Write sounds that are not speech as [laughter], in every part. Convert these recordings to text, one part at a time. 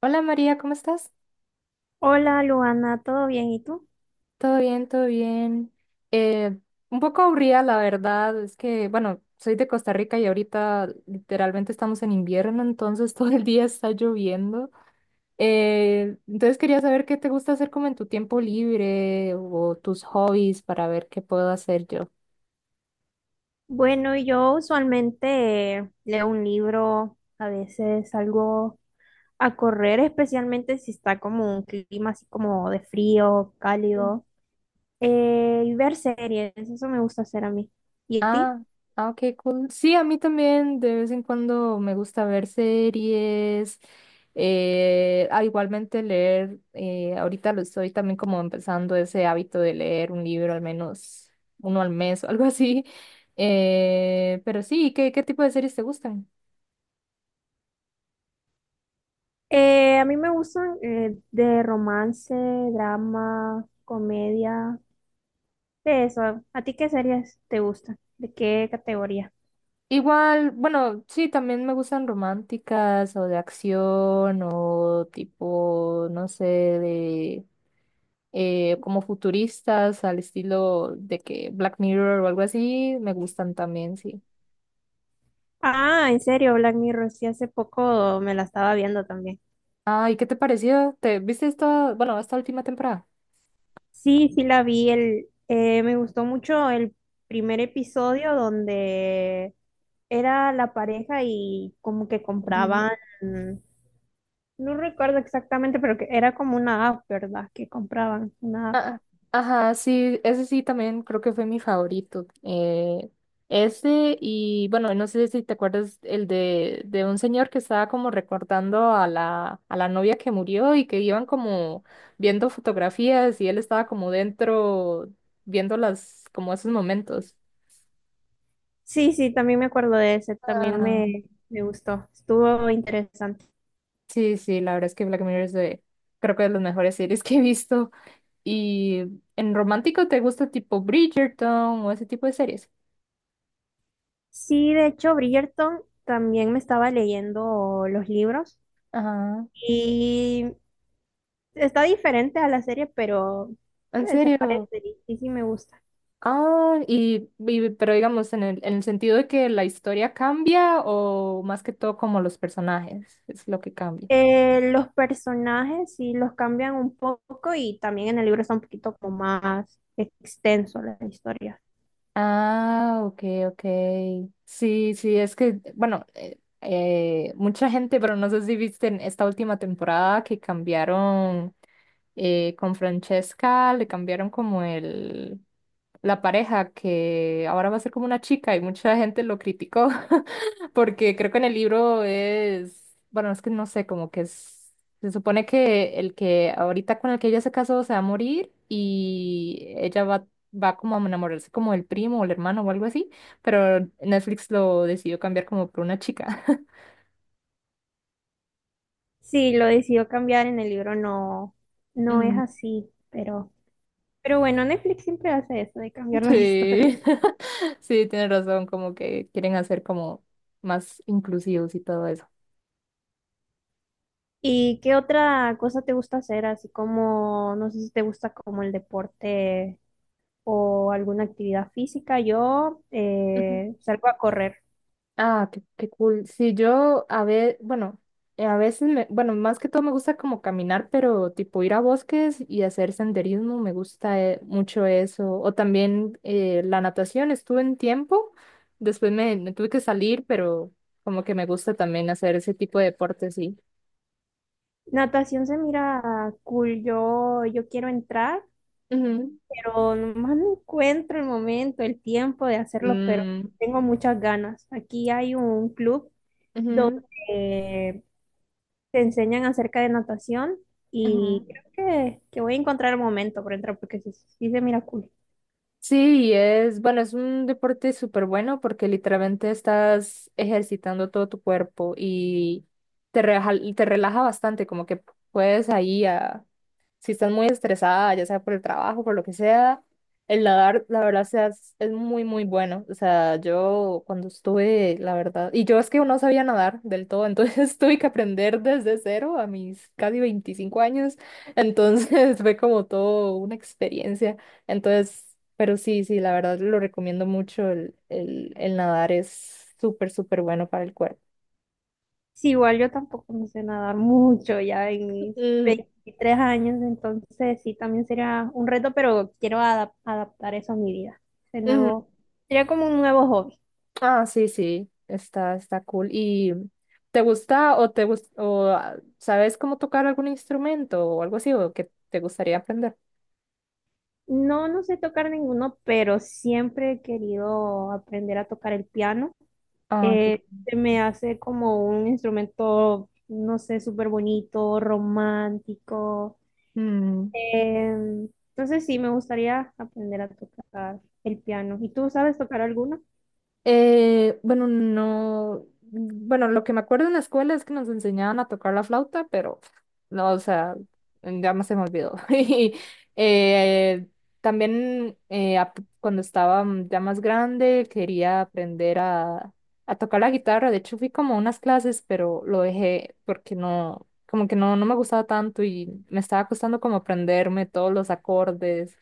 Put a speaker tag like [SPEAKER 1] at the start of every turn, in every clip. [SPEAKER 1] Hola María, ¿cómo estás?
[SPEAKER 2] Hola Luana, ¿todo bien? ¿Y tú?
[SPEAKER 1] Todo bien, todo bien. Eh, un poco aburrida, la verdad, es que, bueno, soy de Costa Rica y ahorita literalmente estamos en invierno, entonces [laughs] todo el día está lloviendo. Entonces quería saber qué te gusta hacer como en tu tiempo libre o tus hobbies para ver qué puedo hacer yo.
[SPEAKER 2] Bueno, yo usualmente leo un libro, a veces salgo a correr, especialmente si está como un clima así como de frío, cálido, y ver series, eso me gusta hacer a mí. ¿Y a ti?
[SPEAKER 1] Ah, ah, ok, cool. Sí, a mí también de vez en cuando me gusta ver series, igualmente leer, ahorita lo estoy también como empezando ese hábito de leer un libro al menos uno al mes o algo así. [laughs] Pero sí, ¿qué tipo de series te gustan?
[SPEAKER 2] A mí me gustan de romance, drama, comedia, de eso. ¿A ti qué series te gustan? ¿De qué categoría?
[SPEAKER 1] Igual, bueno, sí, también me gustan románticas o de acción o tipo, no sé, de como futuristas al estilo de que Black Mirror o algo así, me gustan también, sí.
[SPEAKER 2] Ah, en serio, Black Mirror, sí, hace poco me la estaba viendo también.
[SPEAKER 1] Ay, ¿qué te pareció? ¿Te viste esta, bueno, esta última temporada?
[SPEAKER 2] Sí, sí la vi, me gustó mucho el primer episodio donde era la pareja y como que
[SPEAKER 1] Mm.
[SPEAKER 2] compraban, no recuerdo exactamente, pero que era como una app, ¿verdad? Que compraban una app.
[SPEAKER 1] Ah, ajá, sí, ese sí también creo que fue mi favorito. Ese y bueno, no sé si te acuerdas el de un señor que estaba como recordando a la novia que murió y que iban como viendo fotografías y él estaba como dentro viendo las, como esos momentos.
[SPEAKER 2] Sí, sí, también me acuerdo de ese, también me gustó, estuvo interesante.
[SPEAKER 1] Sí, sí, la verdad es que Black Mirror es de, creo que de las mejores series que he visto. Y en romántico te gusta tipo Bridgerton o ese tipo de series.
[SPEAKER 2] Sí, de hecho, Bridgerton también me estaba leyendo los libros.
[SPEAKER 1] Ajá.
[SPEAKER 2] Y está diferente a la serie, pero
[SPEAKER 1] ¿En
[SPEAKER 2] se
[SPEAKER 1] serio?
[SPEAKER 2] parece y sí me gusta.
[SPEAKER 1] Ah, pero digamos, en el sentido de que la historia cambia o más que todo como los personajes es lo que cambia.
[SPEAKER 2] Los personajes sí los cambian un poco y también en el libro está un poquito como más extenso la historia.
[SPEAKER 1] Ah, ok, ok. Sí, sí, es que, bueno, mucha gente, pero no sé si viste en esta última temporada que cambiaron. Con Francesca le cambiaron como la pareja, que ahora va a ser como una chica y mucha gente lo criticó, [laughs] porque creo que en el libro es, bueno, es que no sé, como que es, se supone que el que ahorita con el que ella se casó se va a morir y ella va como a enamorarse como el primo o el hermano o algo así, pero Netflix lo decidió cambiar como por una chica. [laughs]
[SPEAKER 2] Sí, lo decidió cambiar en el libro, no, no es
[SPEAKER 1] Mm.
[SPEAKER 2] así, pero bueno, Netflix siempre hace eso de cambiar las [laughs] historias.
[SPEAKER 1] Sí, [laughs] sí, tienes razón, como que quieren hacer como más inclusivos y todo eso.
[SPEAKER 2] ¿Y qué otra cosa te gusta hacer? Así como, no sé si te gusta como el deporte o alguna actividad física. Yo
[SPEAKER 1] Ujú.
[SPEAKER 2] salgo a correr.
[SPEAKER 1] Ah, qué cool. Sí, yo a ver, bueno, a veces me, bueno, más que todo me gusta como caminar, pero tipo ir a bosques y hacer senderismo, me gusta mucho eso. O también la natación, estuve en tiempo, después me tuve que salir, pero como que me gusta también hacer ese tipo de deportes, sí.
[SPEAKER 2] Natación se mira cool. Yo quiero entrar,
[SPEAKER 1] Ujú,
[SPEAKER 2] pero nomás no encuentro el momento, el tiempo de hacerlo, pero
[SPEAKER 1] mm,
[SPEAKER 2] tengo muchas ganas. Aquí hay un club
[SPEAKER 1] ujú,
[SPEAKER 2] donde eh, te enseñan acerca de natación
[SPEAKER 1] ujú.
[SPEAKER 2] y creo que voy a encontrar el momento para entrar porque sí, sí se mira cool.
[SPEAKER 1] Sí, es, bueno, es un deporte súper bueno porque literalmente estás ejercitando todo tu cuerpo y te relaja bastante, como que puedes ahí a, si estás muy estresada, ya sea por el trabajo, por lo que sea, el nadar, la verdad, sea, es muy, muy bueno. O sea, yo cuando estuve, la verdad, y yo es que no sabía nadar del todo, entonces [laughs] tuve que aprender desde cero a mis casi 25 años, entonces [laughs] fue como todo una experiencia. Entonces, pero sí, sí, la verdad lo recomiendo mucho, el nadar es súper, súper bueno para el cuerpo.
[SPEAKER 2] Sí, igual yo tampoco no sé nadar mucho ya en mis
[SPEAKER 1] Mm,
[SPEAKER 2] 23 años, entonces sí, también sería un reto, pero quiero adaptar eso a mi vida. De
[SPEAKER 1] ujú.
[SPEAKER 2] nuevo, sería como un nuevo hobby.
[SPEAKER 1] Ah, sí, sí, está cool. ¿Y te gusta o te gus- o ah, sabes cómo tocar algún instrumento o algo así o que te gustaría aprender?
[SPEAKER 2] No, no sé tocar ninguno, pero siempre he querido aprender a tocar el piano.
[SPEAKER 1] Ah, ok.
[SPEAKER 2] Se me hace como un instrumento, no sé, súper bonito, romántico. Entonces sí, me gustaría aprender a tocar el piano. ¿Y tú sabes tocar alguno?
[SPEAKER 1] Bueno, no, bueno, lo que me acuerdo en la escuela es que nos enseñaban a tocar la flauta, pero no, o sea, ya más se me olvidó. [laughs] Y eh, también cuando estaba ya más grande quería aprender a tocar la guitarra. De hecho, fui como a unas clases, pero lo dejé porque no, como que no me gustaba tanto y me estaba costando como aprenderme todos los acordes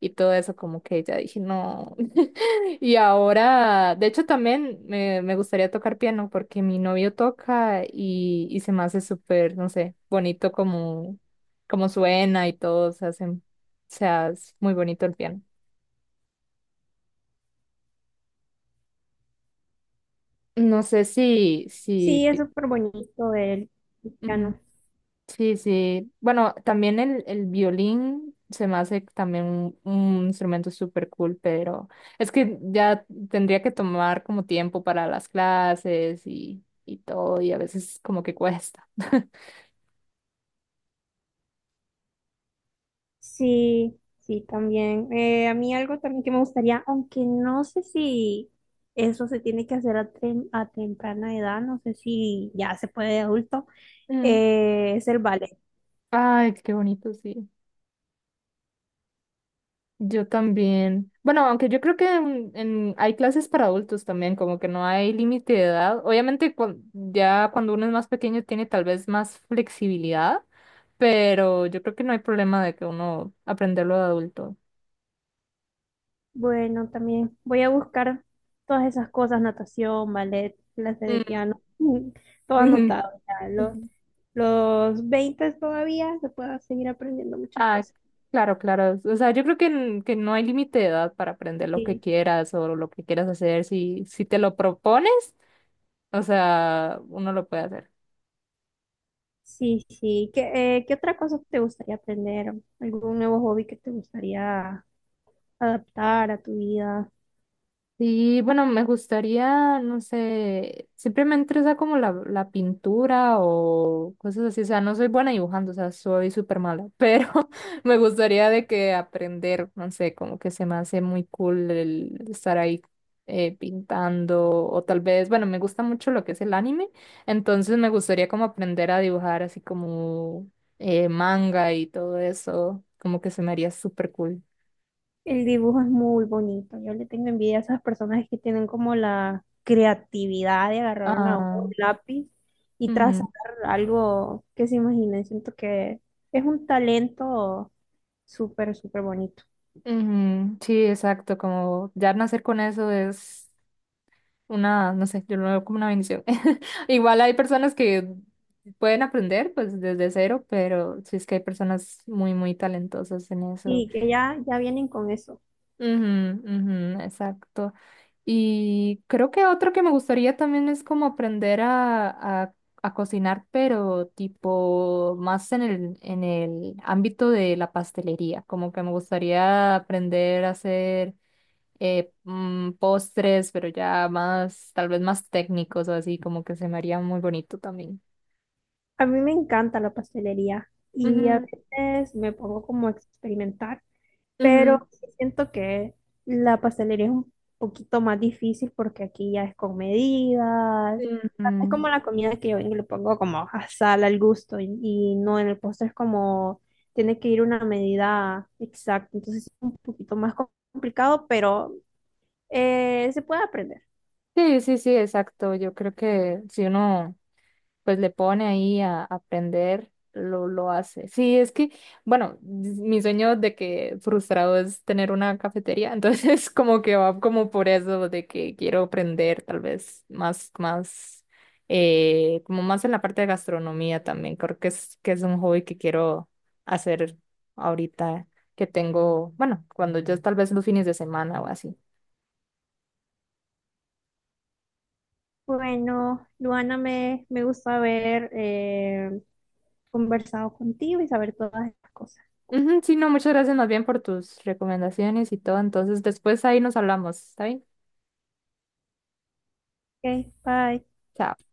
[SPEAKER 1] y todo eso, como que ya dije, no. [laughs] Y ahora, de hecho, también me gustaría tocar piano porque mi novio toca y se me hace súper, no sé, bonito como, como suena y todo, se hace, o sea, es muy bonito el piano. No sé si, si,
[SPEAKER 2] Sí, es
[SPEAKER 1] ti-
[SPEAKER 2] súper bonito el piano.
[SPEAKER 1] Sí, sí. Bueno, también el violín se me hace también un instrumento súper cool, pero es que ya tendría que tomar como tiempo para las clases y todo, y a veces como que cuesta. [laughs]
[SPEAKER 2] Sí, sí, también. A mí algo también que me gustaría, aunque no sé si eso se tiene que hacer a temprana edad, no sé si ya se puede de adulto,
[SPEAKER 1] Mm.
[SPEAKER 2] es el ballet.
[SPEAKER 1] Ay, qué bonito, sí. Yo también. Bueno, aunque yo creo que hay clases para adultos también, como que no hay límite de edad. Obviamente, ya cuando uno es más pequeño tiene tal vez más flexibilidad. Pero yo creo que no hay problema de que uno aprenderlo de adulto.
[SPEAKER 2] Bueno, también voy a buscar todas esas cosas, natación, ballet, clase de
[SPEAKER 1] Mm,
[SPEAKER 2] piano, todo anotado. Ya,
[SPEAKER 1] [laughs]
[SPEAKER 2] Los,
[SPEAKER 1] ujú.
[SPEAKER 2] los 20 todavía se puede seguir aprendiendo muchas
[SPEAKER 1] Ah,
[SPEAKER 2] cosas.
[SPEAKER 1] claro, claro. O sea, yo creo que, que no hay límite de edad para aprender lo que
[SPEAKER 2] Sí.
[SPEAKER 1] quieras o lo que quieras hacer. Si te lo propones, o sea, uno lo puede hacer.
[SPEAKER 2] Sí, sí. ¿Qué otra cosa te gustaría aprender? ¿Algún nuevo hobby que te gustaría adaptar a tu vida?
[SPEAKER 1] Sí, bueno, me gustaría, no sé, siempre me interesa como la pintura o cosas así, o sea, no soy buena dibujando, o sea, soy súper mala, pero [laughs] me gustaría de que aprender, no sé, como que se me hace muy cool el estar ahí pintando o tal vez, bueno, me gusta mucho lo que es el anime, entonces me gustaría como aprender a dibujar así como manga y todo eso, como que se me haría súper cool.
[SPEAKER 2] El dibujo es muy bonito. Yo le tengo envidia a esas personas que tienen como la creatividad de agarrar una hoja,
[SPEAKER 1] Ah.
[SPEAKER 2] un lápiz y trazar algo que se imaginen. Siento que es un talento súper, súper bonito.
[SPEAKER 1] Ujú, sí, exacto, como ya nacer con eso es una, no sé, yo lo veo como una bendición. [laughs] Igual hay personas que pueden aprender pues desde cero, pero sí es que hay personas muy, muy talentosas en eso.
[SPEAKER 2] Y que ya, ya vienen con eso.
[SPEAKER 1] Ujú, ujú, exacto. Y creo que otro que me gustaría también es como aprender a, a cocinar, pero tipo más en el ámbito de la pastelería, como que me gustaría aprender a hacer postres, pero ya más, tal vez más técnicos o así, como que se me haría muy bonito también.
[SPEAKER 2] A mí me encanta la pastelería y a
[SPEAKER 1] Ujú,
[SPEAKER 2] veces me pongo como a experimentar.
[SPEAKER 1] ujú,
[SPEAKER 2] Pero sí siento que la pastelería es un poquito más difícil porque aquí ya es con medidas.
[SPEAKER 1] sí.
[SPEAKER 2] Es como
[SPEAKER 1] Ujú.
[SPEAKER 2] la comida que yo vengo y le pongo como a sal al gusto y, no, en el postre es como tiene que ir una medida exacta, entonces es un poquito más complicado, pero se puede aprender.
[SPEAKER 1] Sí, sí, sí, exacto. Yo creo que si uno pues le pone ahí a aprender, lo hace. Sí, es que, bueno, mi sueño de que frustrado es tener una cafetería, entonces [laughs] como que va como por eso de que quiero aprender tal vez más, como más en la parte de gastronomía también. Creo que es un hobby que quiero hacer ahorita que tengo, bueno, cuando yo tal vez los fines de semana o así.
[SPEAKER 2] Bueno, Luana, me gusta haber conversado contigo y saber todas estas cosas.
[SPEAKER 1] Ujú, sí, no, muchas gracias más bien por tus recomendaciones y todo. Entonces, después ahí nos hablamos, ¿está bien?
[SPEAKER 2] Ok, bye.
[SPEAKER 1] Chao.